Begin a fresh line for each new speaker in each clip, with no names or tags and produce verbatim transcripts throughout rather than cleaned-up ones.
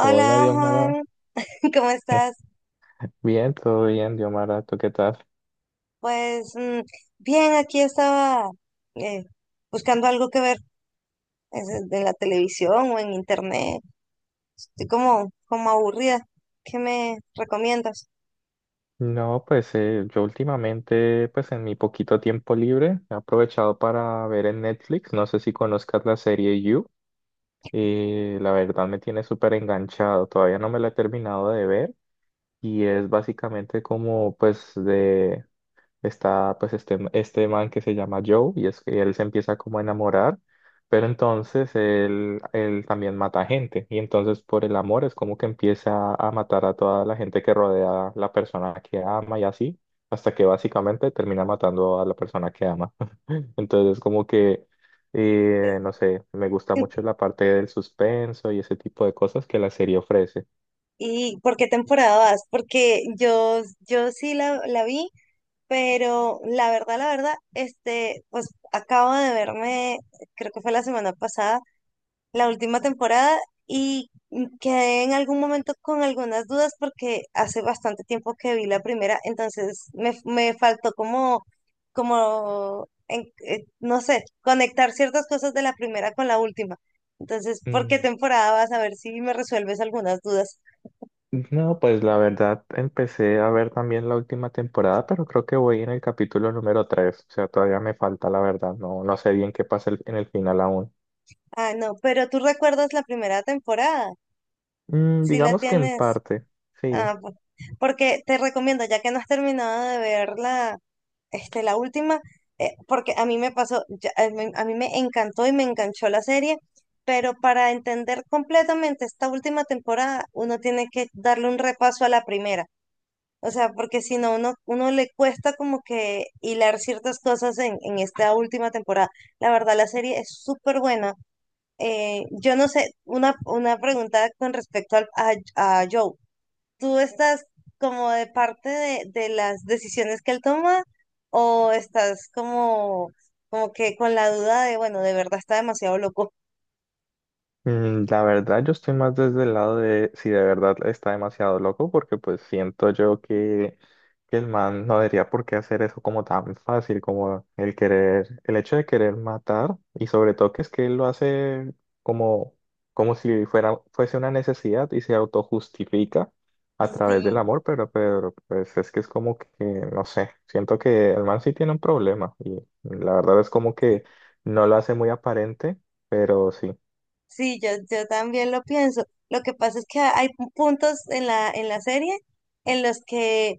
Hola, Diomara.
Juan, ¿cómo estás?
Bien, todo bien, Diomara. ¿Tú qué tal?
Pues mm, bien, aquí estaba eh, buscando algo que ver es, eh, en la televisión o en internet. Estoy como, como aburrida. ¿Qué me recomiendas?
No, pues eh, yo últimamente, pues en mi poquito tiempo libre, he aprovechado para ver en Netflix. No sé si conozcas la serie You. Y la verdad me tiene súper enganchado. Todavía no me la he terminado de ver. Y es básicamente como, pues, de está pues este, este man que se llama Joe, y es que él se empieza como a enamorar, pero entonces él, él también mata gente, y entonces por el amor es como que empieza a matar a toda la gente que rodea a la persona que ama y así, hasta que básicamente termina matando a la persona que ama. Entonces es como que, eh, no sé, me gusta mucho la parte del suspenso y ese tipo de cosas que la serie ofrece.
¿Y por qué temporada vas? Porque yo, yo sí la, la vi, pero la verdad, la verdad, este, pues acabo de verme, creo que fue la semana pasada la última temporada y quedé en algún momento con algunas dudas porque hace bastante tiempo que vi la primera, entonces me, me faltó como, como en- eh, no sé, conectar ciertas cosas de la primera con la última. Entonces, ¿por qué
Mm.
temporada vas a ver si me resuelves algunas dudas?
No, pues la verdad empecé a ver también la última temporada, pero creo que voy en el capítulo número tres, o sea, todavía me falta la verdad, no, no sé bien qué pasa el- en el final aún.
Ah, no, pero tú recuerdas la primera temporada,
Mm,
si la
digamos que en
tienes.
parte, sí.
Ah, pues, porque te recomiendo, ya que no has terminado de ver la, este, la última, eh, porque a mí me pasó, ya- a mí, a mí me encantó y me enganchó la serie, pero para entender completamente esta última temporada, uno tiene que darle un repaso a la primera. O sea, porque si no, uno, uno le cuesta como que hilar ciertas cosas en, en esta última temporada. La verdad, la serie es súper buena. Eh, yo no sé, una, una pregunta con respecto al- a, a Joe. ¿Tú estás como de parte de, de las decisiones que él toma o estás como, como que con la duda de, bueno, de verdad está demasiado loco?
Mm, la verdad, yo estoy más desde el lado de si de verdad está demasiado loco, porque pues siento yo que, que el man no debería por qué hacer eso como tan fácil, como el querer, el hecho de querer matar, y sobre todo que es que él lo hace como, como si fuera, fuese una necesidad y se autojustifica a través del
Sí.
amor, pero, pero pues es que es como que, no sé, siento que el man sí tiene un problema, y la verdad es como que no lo hace muy aparente, pero sí.
Sí, yo, yo también lo pienso. Lo que pasa es que hay pu- puntos en la, en la serie en los que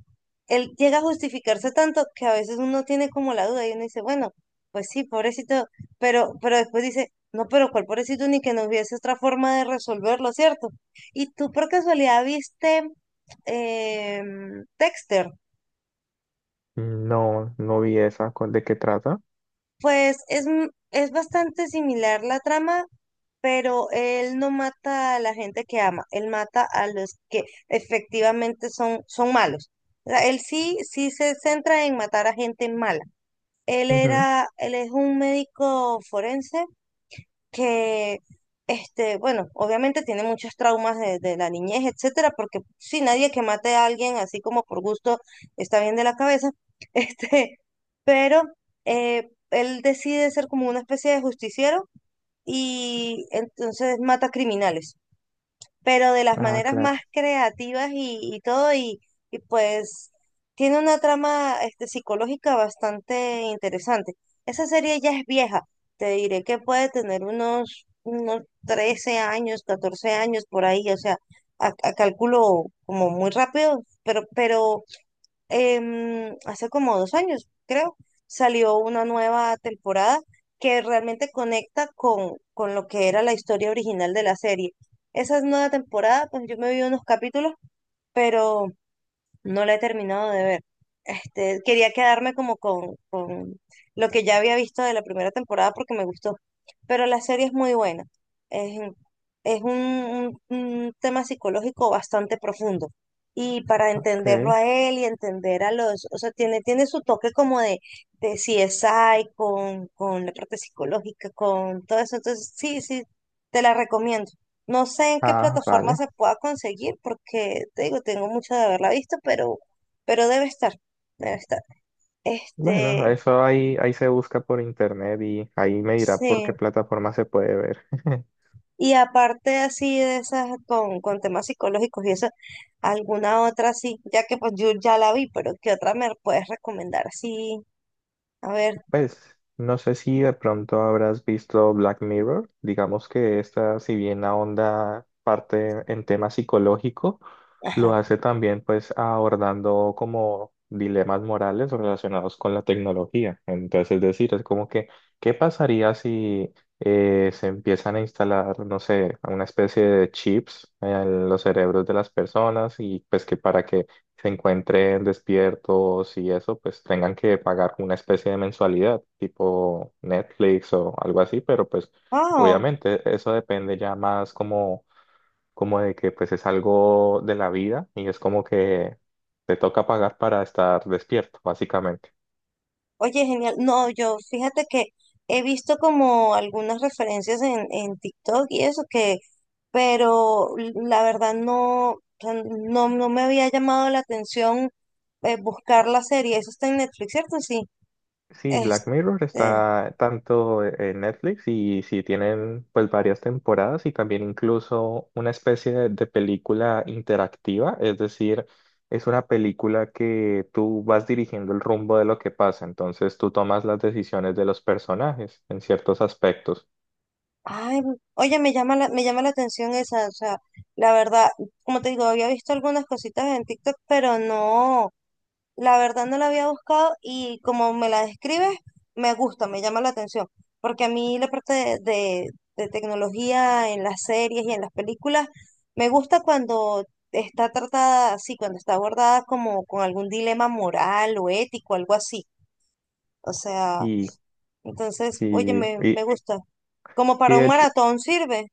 él llega a justificarse tanto que a veces uno tiene como la duda y uno dice, bueno, pues sí, pobrecito, pero, pero después dice, no, pero cuál pobrecito ni que no hubiese otra forma de resolverlo, ¿cierto? Y tú por casualidad viste em, Dexter,
Mm, no, no vi esa. ¿Cu- ¿De qué trata?
pues es, m- es bastante similar la trama, pero él no mata a la gente que ama, él mata a los que efectivamente son, son malos. O sea, él sí, sí se centra en matar a gente mala. Él
Ujú.
era, él es un médico forense que, este, bueno, obviamente tiene muchos traumas de, de la niñez, etcétera, porque si nadie que mate a alguien así como por gusto está bien de la cabeza, este, pero eh, él decide ser como una especie de justiciero y entonces mata criminales, pero de las
Ah,
maneras más
claro.
creativas y, y todo, y, y pues tiene una trama este, psicológica bastante interesante. Esa serie ya es vieja, te diré que puede tener unos, unos trece años, catorce años por ahí, o sea, a, a cálculo como muy rápido, pero, pero em, hace como dos años, creo, salió una nueva temporada que realmente conecta con, con lo que era la historia original de la serie. Esa nueva temporada, pues yo me vi unos capítulos, pero no la he terminado de ver. Este, quería quedarme como con, con lo que ya había visto de la primera temporada porque me gustó. Pero la serie es muy buena. Es, un- es un, un- un tema psicológico bastante profundo. Y para entenderlo
Ok.
a él y entender a los, o sea, tiene, tiene su toque como de, de C S I, con, con la parte psicológica, con todo eso. Entonces, sí, sí, te la recomiendo. No sé en qué
Ah,
plataforma
vale.
se pueda conseguir porque te digo, tengo mucho de haberla visto, pero, pero debe estar, debe estar. Este,
Bueno, eso ahí, ahí se busca por internet y ahí me dirá por
sí.
qué plataforma se puede ver.
Y aparte así de esas con, con temas psicológicos y eso, alguna otra sí, ya que pues yo ya la vi, pero ¿qué otra me puedes recomendar? Sí, a ver,
Pues no sé si de pronto habrás visto Black Mirror. Digamos que esta, si bien ahonda parte en tema psicológico, lo
ajá.
hace también pues abordando como dilemas morales relacionados con la tecnología. Entonces, es decir, es como que, ¿qué pasaría si eh, se empiezan a instalar, no sé, una especie de chips en los cerebros de las personas y pues que para que se encuentren despiertos y eso, pues tengan que pagar una especie de mensualidad, tipo Netflix o algo así? Pero pues
Oh,
obviamente eso depende ya más como, como de que pues es algo de la vida y es como que te toca pagar para estar despierto, básicamente.
oye, genial. No, yo fíjate que he visto como algunas referencias en, en TikTok y eso que, pero la verdad no, o sea, no, no me había llamado la atención eh, buscar la serie. Eso está en Netflix, ¿cierto? Sí.
Sí, Black Mirror
Este,
está tanto e-, en Netflix, y sí tienen pues varias temporadas y también incluso una especie de, de película interactiva, es decir, es una película que tú vas dirigiendo el rumbo de lo que pasa, entonces tú tomas las decisiones de los personajes en ciertos aspectos.
ay, oye, me llama la, me llama la atención esa, o sea, la verdad, como te digo, había visto algunas cositas en TikTok, pero no. La verdad no la había buscado y como me la describes, me gusta, me llama la atención, porque a mí la parte de, de- de tecnología en las series y en las películas me gusta cuando está tratada así, cuando está abordada como con algún dilema moral o ético, algo así. O sea,
Y
entonces, oye,
sí,
me, me
y,
gusta. Como
y
para
de
un
hecho,
maratón sirve.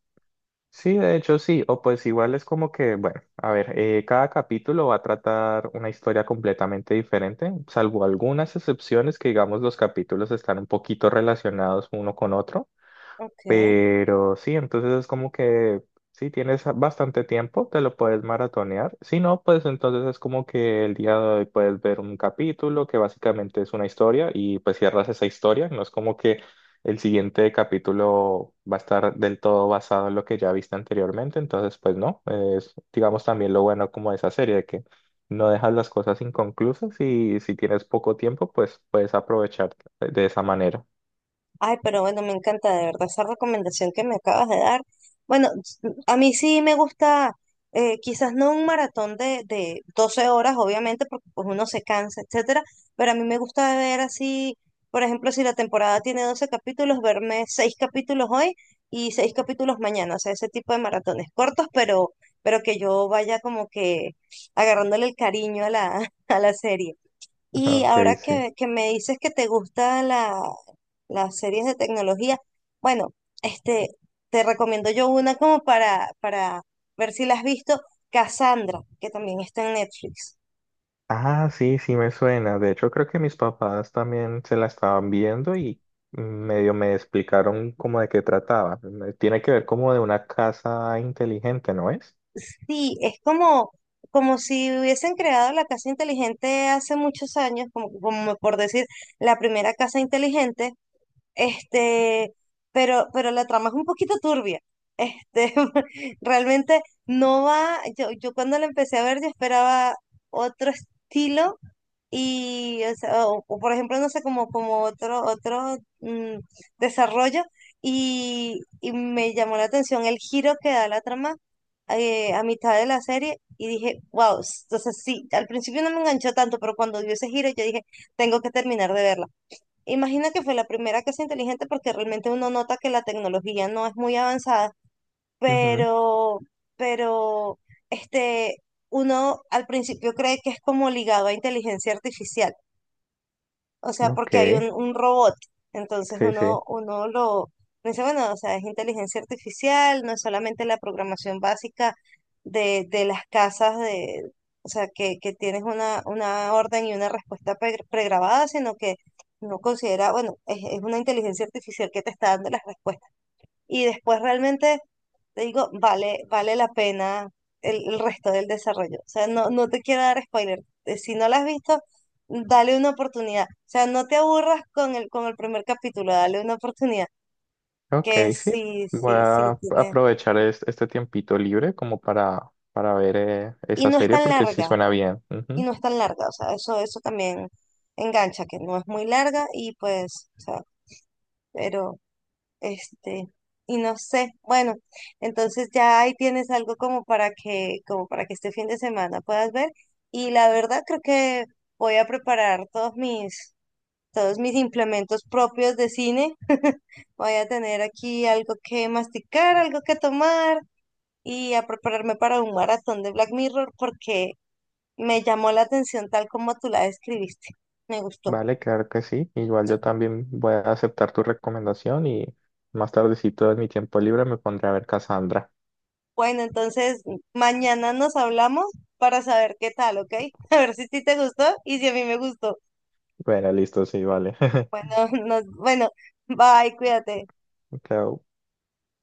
sí, de hecho sí, o pues igual es como que, bueno, a ver, eh, cada capítulo va a tratar una historia completamente diferente, salvo algunas excepciones que digamos los capítulos están un poquito relacionados uno con otro.
Ok.
Pero sí, entonces es como que si tienes bastante tiempo, te lo puedes maratonear. Si no, pues entonces es como que el día de hoy puedes ver un capítulo que básicamente es una historia y pues cierras esa historia. No es como que el siguiente capítulo va a estar del todo basado en lo que ya viste anteriormente. Entonces, pues no, es digamos también lo bueno como de esa serie, de que no dejas las cosas inconclusas y si tienes poco tiempo, pues puedes aprovechar de esa manera.
Ay, pero bueno, me encanta de verdad esa recomendación que me acabas de dar. Bueno, s- a mí sí me gusta, eh, quizás no un maratón de, de doce horas, obviamente, porque pues uno se cansa, etcétera, pero a mí me gusta ver así, por ejemplo, si la temporada tiene doce capítulos, verme seis capítulos hoy y seis capítulos mañana, o sea, ese tipo de maratones cortos, pero, pero que yo vaya como que agarrándole el cariño a la, a la serie. Y
Ok,
ahora
sí.
que, que me dices que te gustan la, las series de tecnología, bueno, este, te recomiendo yo una como para, para ver si la has visto, Cassandra, que también está en Netflix.
Ah, sí, sí me suena. De hecho, creo que mis papás también se la estaban viendo y medio me explicaron como de qué trataba. Me- tiene que ver como de una casa inteligente, ¿no es?
Sí, es como, como si hubiesen creado la casa inteligente hace muchos años, como, como por decir, la primera casa inteligente. Este, pero, pero la trama es un poquito turbia. Este, realmente no va. Yo, yo cuando la empecé a ver, yo esperaba otro estilo. Y, o, sea, o- o por ejemplo, no sé, como, como otro, otro mm, desarrollo. Y, y me llamó la atención el giro que da la trama eh, a mitad de la serie. Y dije, wow. Entonces, sí, al principio no me enganchó tanto, pero cuando dio ese giro, yo dije, tengo que terminar de verla. Imagina que fue la primera casa inteligente porque realmente uno nota que la tecnología no es muy avanzada,
Ujú,
pero, pero, este, uno al principio cree que es como ligado a inteligencia artificial, o sea,
ok,
porque hay un, un robot. Entonces
sí, sí.
uno, uno lo dice, bueno, o sea, es inteligencia artificial, no es solamente la programación básica de, de las casas de, o sea, que, que tienes una, una orden y una respuesta pre- pregrabada, sino que no considera, bueno, es, es una inteligencia artificial que te está dando las respuestas y después realmente te digo, vale, vale la pena el, el resto del desarrollo. O sea, no, no te quiero dar spoiler. Eh, Si no la has visto, dale una oportunidad. O sea, no te aburras con el, con el primer capítulo, dale una oportunidad.
Ok,
Que
sí.
sí,
Voy
sí, sí
a
tiene.
aprovechar es- este tiempito libre como para, para ver eh,
Y
esa
no es
serie
tan
porque sí
larga,
suena bien.
y
Ujú.
no es tan larga. O sea, eso, eso también engancha, que no es muy larga y pues, o sea, pero... Este, y no sé, bueno, entonces ya ahí tienes algo como para que, como para que este fin de semana puedas ver. Y la verdad creo que voy a preparar todos mis, todos mis implementos propios de cine. Voy a tener aquí algo que masticar, algo que tomar y a prepararme para un maratón de Black Mirror porque me llamó la atención tal como tú la describiste. Me gustó.
Vale, claro que sí. Igual yo también voy a aceptar tu recomendación y más tardecito en mi tiempo libre me pondré a ver Cassandra.
Bueno, entonces mañana nos hablamos para saber qué tal, ¿ok? A ver si a ti te gustó y si a mí me gustó.
Bueno, listo, sí, vale.
Bueno, nos, bueno, bye, cuídate.
Claro,